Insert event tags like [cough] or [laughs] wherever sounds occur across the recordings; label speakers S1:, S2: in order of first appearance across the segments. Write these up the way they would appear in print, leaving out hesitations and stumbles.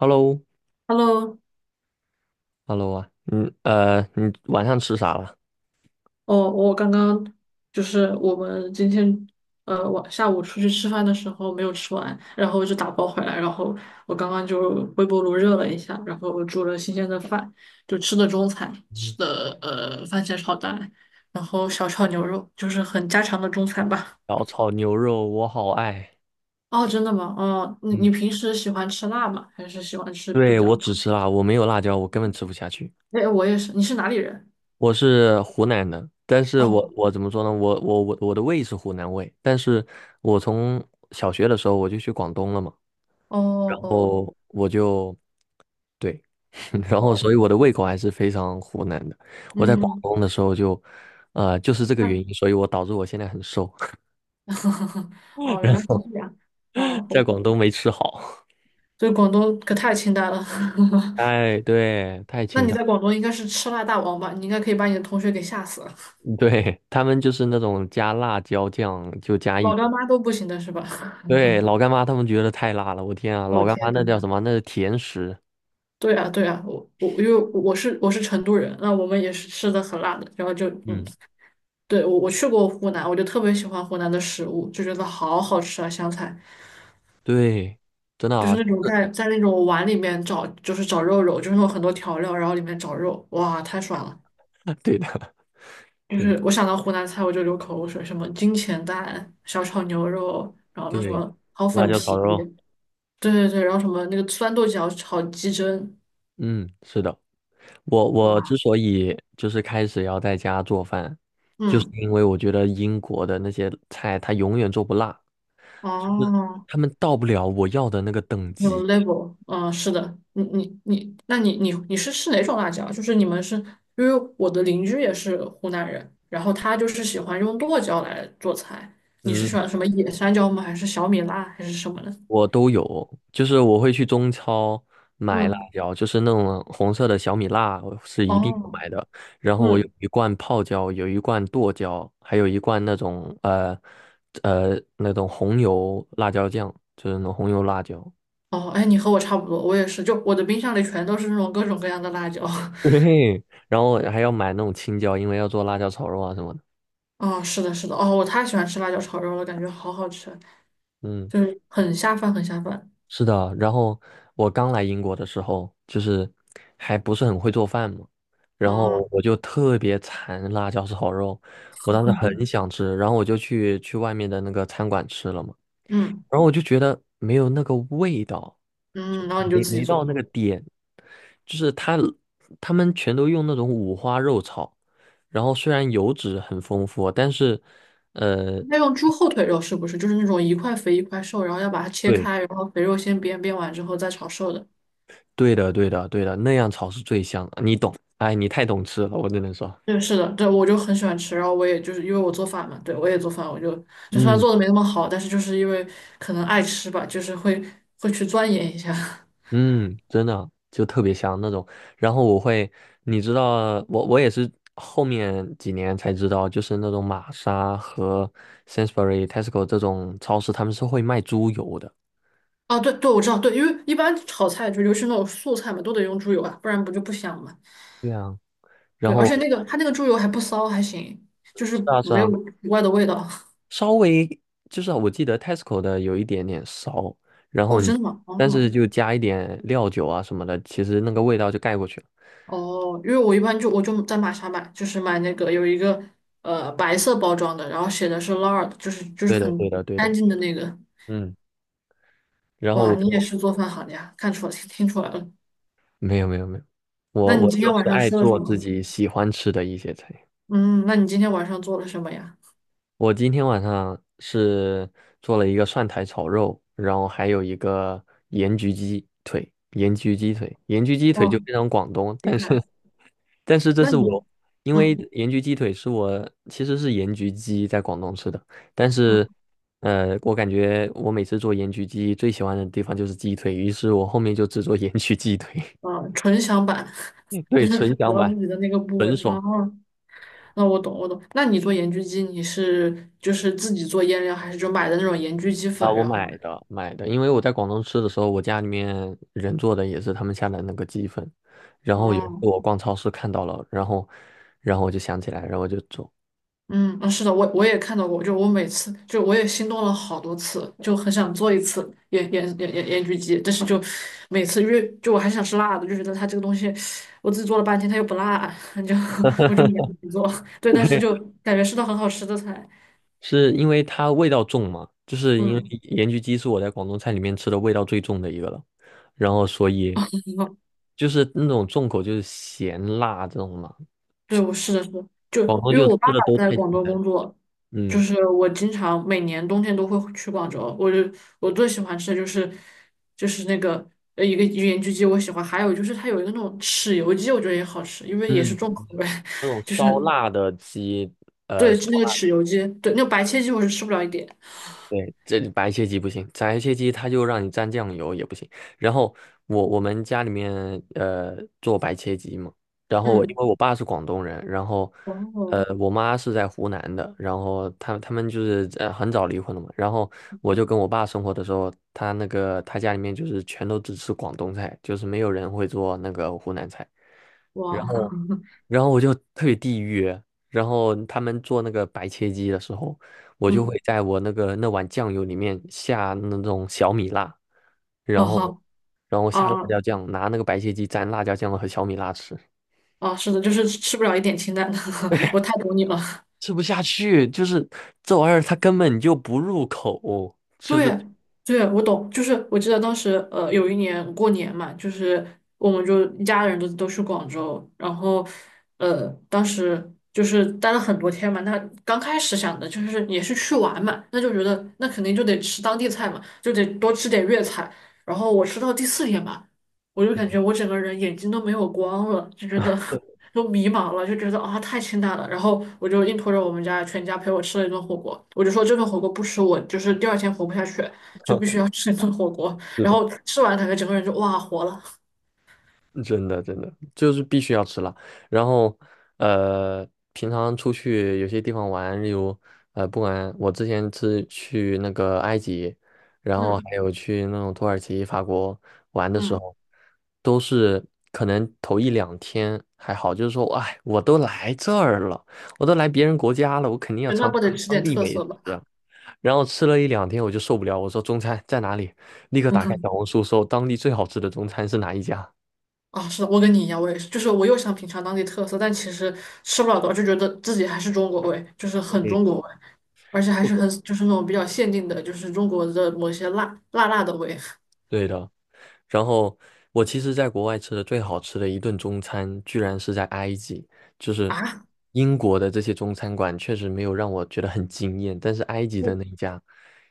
S1: Hello，Hello。
S2: Hello，
S1: 啊，你晚上吃啥了？
S2: 哦，我刚刚就是我们今天晚下午出去吃饭的时候没有吃完，然后就打包回来，然后我刚刚就微波炉热了一下，然后煮了新鲜的饭，就吃的中餐，吃
S1: 嗯。
S2: 的番茄炒蛋，然后小炒牛肉，就是很家常的中餐吧。
S1: 小炒牛肉，我好爱。
S2: 哦，真的吗？哦，你
S1: 嗯，
S2: 你平时喜欢吃辣吗？还是喜欢吃比
S1: 对，我
S2: 较？
S1: 只吃辣，我没有辣椒，我根本吃不下去。
S2: 哎，我也是。你是哪里人？
S1: 我是湖南的，但是我
S2: 哦
S1: 我怎么说呢？我的胃是湖南胃，但是我从小学的时候我就去广东了嘛，
S2: 哦
S1: 然
S2: 哦
S1: 后我就对，[laughs] 然后
S2: 哦，
S1: 所以我的胃口还是非常湖南的。我在广
S2: 嗯。
S1: 东的时候就，就是这个原因，所以我导致我现在很瘦，
S2: [laughs]
S1: [laughs]
S2: 哦，原
S1: 然
S2: 来是
S1: 后
S2: 这样。哦，
S1: 在广东没吃好。
S2: 这以广东可太清淡了。[laughs]
S1: 哎，对，太
S2: 那
S1: 清
S2: 你
S1: 淡，
S2: 在广东应该是吃辣大王吧？你应该可以把你的同学给吓死了，
S1: [laughs] 对，他们就是那种加辣椒酱就加一
S2: 老干
S1: 滴，
S2: 妈都不行的是吧？[laughs]
S1: 对，老干妈他们觉得太辣了，我天啊，
S2: 哦
S1: 老干妈
S2: 天
S1: 那
S2: 呐，
S1: 叫什么？那是甜食，
S2: 对啊对啊，我因为我是成都人，那我们也是吃的很辣的，然后就
S1: 嗯，
S2: 对我去过湖南，我就特别喜欢湖南的食物，就觉得好好吃啊，湘菜
S1: 对，真的
S2: 就是
S1: 啊，
S2: 那种在那种碗里面找就是找肉肉，就是有很多调料，然后里面找肉，哇，太爽了。
S1: [laughs] 对的，
S2: 就
S1: 对的。
S2: 是我想到湖南菜我就流口水，什么金钱蛋、小炒牛肉，然后
S1: 对
S2: 那什
S1: 对。
S2: 么炒
S1: 辣
S2: 粉
S1: 椒炒
S2: 皮，
S1: 肉，
S2: 对对对，然后什么那个酸豆角炒鸡胗，
S1: 嗯，是的，我之
S2: 哇，
S1: 所以就是开始要在家做饭，就是
S2: 嗯，
S1: 因为我觉得英国的那些菜它永远做不辣，就是
S2: 哦，
S1: 们到不了我要的那个等
S2: 有
S1: 级。
S2: level 嗯，是的，你，那你是吃哪种辣椒？就是你们是因为我的邻居也是湖南人，然后他就是喜欢用剁椒来做菜，你是喜
S1: 嗯，
S2: 欢什么野山椒吗？还是小米辣还是什么的？
S1: 我都有，就是我会去中超买辣
S2: 嗯，
S1: 椒，就是那种红色的小米辣，我是一定要
S2: 哦，
S1: 买的。然后我有
S2: 嗯。
S1: 一罐泡椒，有一罐剁椒，还有一罐那种那种红油辣椒酱，就是那种红油辣椒。
S2: 哦，哎，你和我差不多，我也是，就我的冰箱里全都是那种各种各样的辣椒。
S1: [laughs]
S2: [laughs]
S1: 对，然后还要买那种青椒，因为要做辣椒炒肉啊什么的。
S2: 哦，是的，是的，哦，我太喜欢吃辣椒炒肉了，感觉好好吃，
S1: 嗯。
S2: 就是很下饭，很下饭。
S1: 是的，然后我刚来英国的时候，就是还不是很会做饭嘛，然
S2: 哦，
S1: 后我就特别馋辣椒炒肉，我当时很想吃，然后我就去外面的那个餐馆吃了嘛，
S2: 嗯
S1: 然后我就觉得没有那个味道，
S2: 嗯，然后你就
S1: 没
S2: 自己
S1: 没到
S2: 做。
S1: 那个点，就是他他们全都用那种五花肉炒，然后虽然油脂很丰富，但是呃，
S2: 那用猪后腿肉是不是就是那种一块肥一块瘦，然后要把它切
S1: 对。
S2: 开，然后肥肉先煸，煸完之后再炒瘦的？
S1: 对的对的对的，那样炒是最香的你懂，哎，你太懂吃了，我只能说。
S2: 对，是的，对，我就很喜欢吃，然后我也就是因为我做饭嘛，对，我也做饭，我就就算
S1: 嗯。
S2: 做的没那么好，但是就是因为可能爱吃吧，就是会去钻研一下。[laughs]
S1: 嗯，真的就特别香那种。然后我会，你知道，我也是后面几年才知道，就是那种玛莎和 Sainsbury、Tesco 这种超市，他们是会卖猪油的。
S2: 啊，对对，我知道，对，因为一般炒菜就尤其是那种素菜嘛，都得用猪油啊，不然不就不香嘛。
S1: 对啊，然
S2: 对，而
S1: 后
S2: 且那个它那个猪油还不骚，还行，就是
S1: 是啊是
S2: 没有
S1: 啊，
S2: 奇怪的味道。[laughs]
S1: 稍微就是我记得 Tesco 的有一点点骚，然后
S2: 哦，
S1: 你
S2: 真的吗？
S1: 但是
S2: 哦
S1: 就加一点料酒啊什么的，其实那个味道就盖过去了。
S2: 哦，因为我一般就我就在玛莎买，就是买那个有一个白色包装的，然后写的是 lard，就是就
S1: 对
S2: 是
S1: 的对
S2: 很
S1: 的对的，
S2: 干净的那个。
S1: 嗯。然后
S2: 哇，
S1: 我
S2: 你
S1: 就
S2: 也是做饭行呀，看出来听出来了。
S1: 没有，
S2: 那
S1: 我
S2: 你
S1: 我
S2: 今
S1: 就
S2: 天晚
S1: 是
S2: 上
S1: 爱
S2: 吃了什
S1: 做自
S2: 么？
S1: 己喜欢吃的一些菜。
S2: 嗯，那你今天晚上做了什么呀？
S1: 我今天晚上是做了一个蒜苔炒肉，然后还有一个盐焗鸡腿，盐焗鸡腿就
S2: 哦，
S1: 非常广东，
S2: 厉
S1: 但是
S2: 害。
S1: 但是这
S2: 那
S1: 是
S2: 你
S1: 我，因为
S2: 嗯。
S1: 盐焗鸡腿是我其实是盐焗鸡在广东吃的，但
S2: 嗯
S1: 是我感觉我每次做盐焗鸡最喜欢的地方就是鸡腿，于是我后面就只做盐焗鸡腿，
S2: 啊，纯享版，
S1: [laughs]
S2: [laughs]
S1: 对，
S2: 就是
S1: 纯
S2: 只
S1: 享
S2: 要
S1: 版，
S2: 自己的那个部位
S1: 纯
S2: 啊。
S1: 爽。
S2: 那我懂，我懂。那你做盐焗鸡，你是就是自己做腌料，还是就买的那种盐焗鸡
S1: 啊，
S2: 粉？
S1: 我
S2: 然后，
S1: 买的买的，因为我在广东吃的时候，我家里面人做的也是他们下的那个鸡粉，然后有一次
S2: 哦，
S1: 我逛超市看到了，然后我就想起来，然后我就做，
S2: 嗯，啊，是的，我也看到过，就我每次就我也心动了好多次，就很想做一次盐焗鸡，但是就每次因为就我还想吃辣的，就觉得它这个东西我自己做了半天它又不辣，[laughs] 就我就没做。[laughs] 对，但是就
S1: [laughs]
S2: 感觉是道很好吃的菜，
S1: 是因为它味道重嘛，就是因为
S2: 嗯。
S1: 盐焗鸡是我在广东菜里面吃的味道最重的一个了，然后所以就是那种重口就是咸辣这种嘛，
S2: 对，我是的，是的就
S1: 广
S2: 因
S1: 东
S2: 为
S1: 就吃
S2: 我爸爸
S1: 的都
S2: 在
S1: 太简
S2: 广州
S1: 单，
S2: 工作，就
S1: 嗯。
S2: 是我经常每年冬天都会去广州。我就我最喜欢吃的就是就是那个一个盐焗鸡，我喜欢，还有就是它有一个那种豉油鸡，我觉得也好吃，因为也是
S1: 嗯，
S2: 重口味，
S1: 那种
S2: [laughs] 就是
S1: 烧辣的鸡
S2: 对那个豉油鸡，对那个白切鸡我是吃不了一点。
S1: 对，这里白切鸡不行，白切鸡它就让你蘸酱油也不行。然后我们家里面呃做白切鸡嘛，然后我因
S2: 嗯，
S1: 为我爸是广东人，然后
S2: 哦，
S1: 呃我妈是在湖南的，然后他们就是很早离婚了嘛，然后我就跟我爸生活的时候，他那个他家里面就是全都只吃广东菜，就是没有人会做那个湖南菜，然
S2: 哇，
S1: 后然后我就特别地狱，然后他们做那个白切鸡的时候，我就
S2: 嗯，
S1: 会在我那碗酱油里面下那种小米辣，
S2: 哦
S1: 然后
S2: 好，
S1: 然后下辣
S2: 啊
S1: 椒酱，拿那个白切鸡蘸辣椒酱和小米辣吃，
S2: 啊，是的，就是吃不了一点清淡的，[laughs] 我太懂你了。
S1: 吃不下去，就是这玩意儿它根本就不入口，就是。
S2: 对，对，我懂，就是我记得当时，有一年过年嘛，就是我们就一家人都去广州，然后，当时就是待了很多天嘛。那刚开始想的就是也是去玩嘛，那就觉得那肯定就得吃当地菜嘛，就得多吃点粤菜。然后我吃到第四天吧，我就感觉我整个人眼睛都没有光了，就觉得 [laughs] 都迷茫了，就觉得啊太清淡了。然后我就硬拖着我们家全家陪我吃了一顿火锅，我就说这顿火锅不吃我就是第二天活不下去，就必须要吃一顿火锅。
S1: 是
S2: 然
S1: 的。
S2: 后吃完感觉整个人就哇活了，
S1: 真的真的就是必须要吃辣。然后呃，平常出去有些地方玩，例如不管我之前是去那个埃及，然后
S2: 嗯
S1: 还有去那种土耳其、法国玩的时
S2: 嗯，
S1: 候，都是可能头一两天还好，就是说，哎，我都来这儿了，我都来别人国家了，我肯定要
S2: 那
S1: 尝尝
S2: 不
S1: 他
S2: 得
S1: 们
S2: 吃
S1: 当
S2: 点
S1: 地
S2: 特
S1: 美
S2: 色吧？
S1: 食啊。然后吃了一两天，我就受不了，我说中餐在哪里？立刻打开小
S2: [laughs]
S1: 红书搜当地最好吃的中餐是哪一家。
S2: 啊，是的，我跟你一样，我也是，就是我又想品尝当地特色，但其实吃不了多少，就觉得自己还是中国味，就是很中
S1: 对，
S2: 国味，而且还
S1: 是
S2: 是
S1: 的，
S2: 很就是那种比较限定的，就是中国的某些辣辣辣的味。
S1: 对的。然后我其实在国外吃的最好吃的一顿中餐，居然是在埃及，就是
S2: 啊，
S1: 英国的这些中餐馆确实没有让我觉得很惊艳，但是埃及的
S2: 不，
S1: 那一家，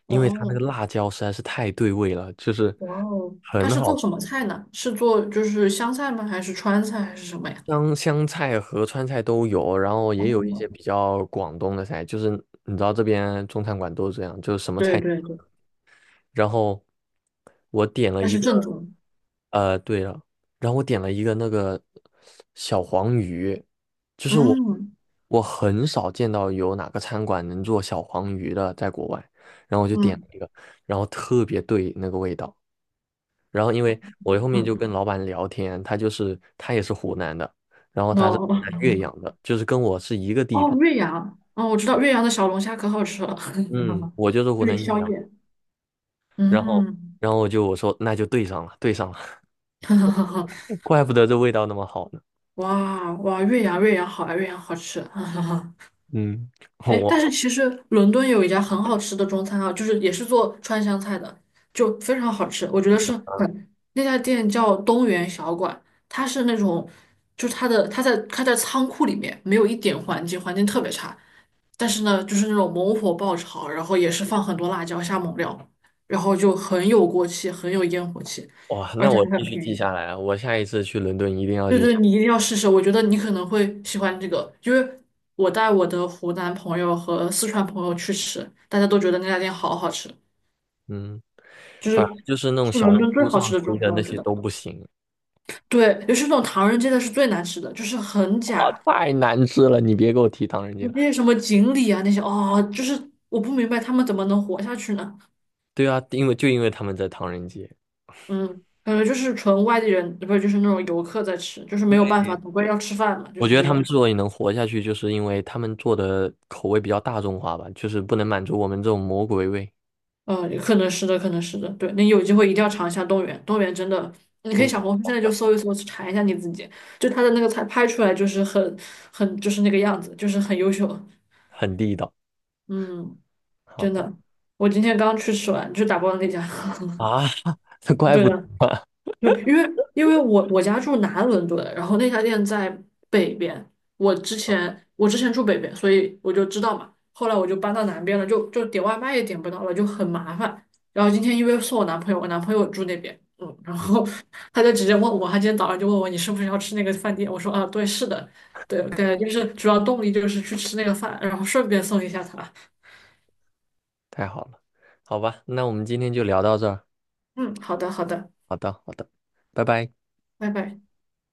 S1: 因为它那个
S2: 哦，
S1: 辣椒实在是太对味了，就是
S2: 哇哦，他
S1: 很
S2: 是
S1: 好
S2: 做
S1: 吃，
S2: 什么菜呢？是做就是湘菜吗？还是川菜还是什么呀？
S1: 香香菜和川菜都有，然后也有一些
S2: 哦，
S1: 比较广东的菜，就是你知道这边中餐馆都是这样，就是什么
S2: 对
S1: 菜。
S2: 对对，
S1: 然后我点了
S2: 它
S1: 一
S2: 是
S1: 个，
S2: 正宗。
S1: 对了，然后我点了一个那个小黄鱼，就是
S2: 嗯
S1: 我很少见到有哪个餐馆能做小黄鱼的，在国外，然后我就点
S2: 嗯
S1: 了一个，然后特别对那个味道。然后因为我后面就
S2: 嗯，
S1: 跟老板聊天，他也是湖南的，然后他是
S2: 哦
S1: 湖南岳阳
S2: [laughs]
S1: 的，就是跟我是一个地
S2: 哦，
S1: 方，
S2: 岳阳，哦，我知道岳阳的小龙虾可好吃了，
S1: 嗯，我就是
S2: [laughs]
S1: 湖
S2: 对，
S1: 南岳
S2: 宵
S1: 阳，
S2: 夜。
S1: 然后
S2: 嗯，
S1: 然后我就我说那就对上了，对上了。
S2: [laughs] 哈哈哈哈
S1: 怪不得这味道那么好呢。
S2: 哇哇，岳阳岳阳好啊，岳阳好吃。[laughs]
S1: 嗯，[laughs]
S2: 哎，但是
S1: 我
S2: 其实伦敦有一家很好吃的中餐啊，就是也是做川湘菜的，就非常好吃。我觉得是很，那家店叫东园小馆，它是那种，就是它的它在仓库里面，没有一点环境，环境特别差。但是呢，就是那种猛火爆炒，然后也是放很多辣椒下猛料，然后就很有锅气，很有烟火气，
S1: 哇，
S2: 而
S1: 那
S2: 且
S1: 我
S2: 还
S1: 必
S2: 很
S1: 须
S2: 便
S1: 记
S2: 宜。
S1: 下来啊！我下一次去伦敦一定要
S2: 对
S1: 去吃。
S2: 对，你一定要试试，我觉得你可能会喜欢这个，因为我带我的湖南朋友和四川朋友去吃，大家都觉得那家店好好吃，
S1: 嗯，
S2: 就
S1: 反正
S2: 是
S1: 就是那种
S2: 是
S1: 小
S2: 伦
S1: 红
S2: 敦最
S1: 书
S2: 好
S1: 上
S2: 吃的
S1: 推
S2: 中
S1: 的
S2: 餐，
S1: 那
S2: 我觉
S1: 些
S2: 得。
S1: 都不行，
S2: 对，尤其是那种唐人街的是最难吃的，就是很
S1: 哇，
S2: 假，
S1: 太难吃了！你别给我提唐人街
S2: 那
S1: 了。
S2: 些什么锦鲤啊那些，哦，就是我不明白他们怎么能活下去呢？
S1: 对啊，因为他们在唐人街，
S2: 嗯，感觉就是纯外地人，不是就是那种游客在吃，就是没有办法，总归要吃饭嘛，就
S1: 我
S2: 是
S1: 觉得
S2: 这
S1: 他们
S2: 种。
S1: 之所以能活下去，就是因为他们做的口味比较大众化吧，就是不能满足我们这种魔鬼味，
S2: 可能是的，可能是的，对，你有机会一定要尝一下动物园，动物园真的，你可以
S1: 中
S2: 小
S1: 国
S2: 红书现
S1: 口
S2: 在就
S1: 味
S2: 搜一搜，去查一下你自己，就它的那个菜拍出来就是很就是那个样子，就是很优秀，
S1: 很地道。
S2: 嗯，
S1: 好
S2: 真
S1: 的。
S2: 的，我今天刚去吃完，就打包的那家，
S1: 啊，[laughs] 这
S2: [laughs]
S1: 怪
S2: 对
S1: 不得
S2: 的，
S1: 啊。
S2: 对，因为因为我家住南伦敦，然后那家店在北边。我之前住北边，所以我就知道嘛。后来我就搬到南边了，就点外卖也点不到了，就很麻烦。然后今天因为送我男朋友，我男朋友住那边，嗯，然
S1: 嗯，
S2: 后 [laughs] 他就直接问我，他今天早上就问我你是不是要吃那个饭店？我说啊，对，是的，对，对，就是主要动力就是去吃那个饭，然后顺便送一下他。
S1: 太好了，好吧，那我们今天就聊到这儿。
S2: 嗯，好的，好的，
S1: 好的，好的，拜拜。
S2: 拜拜。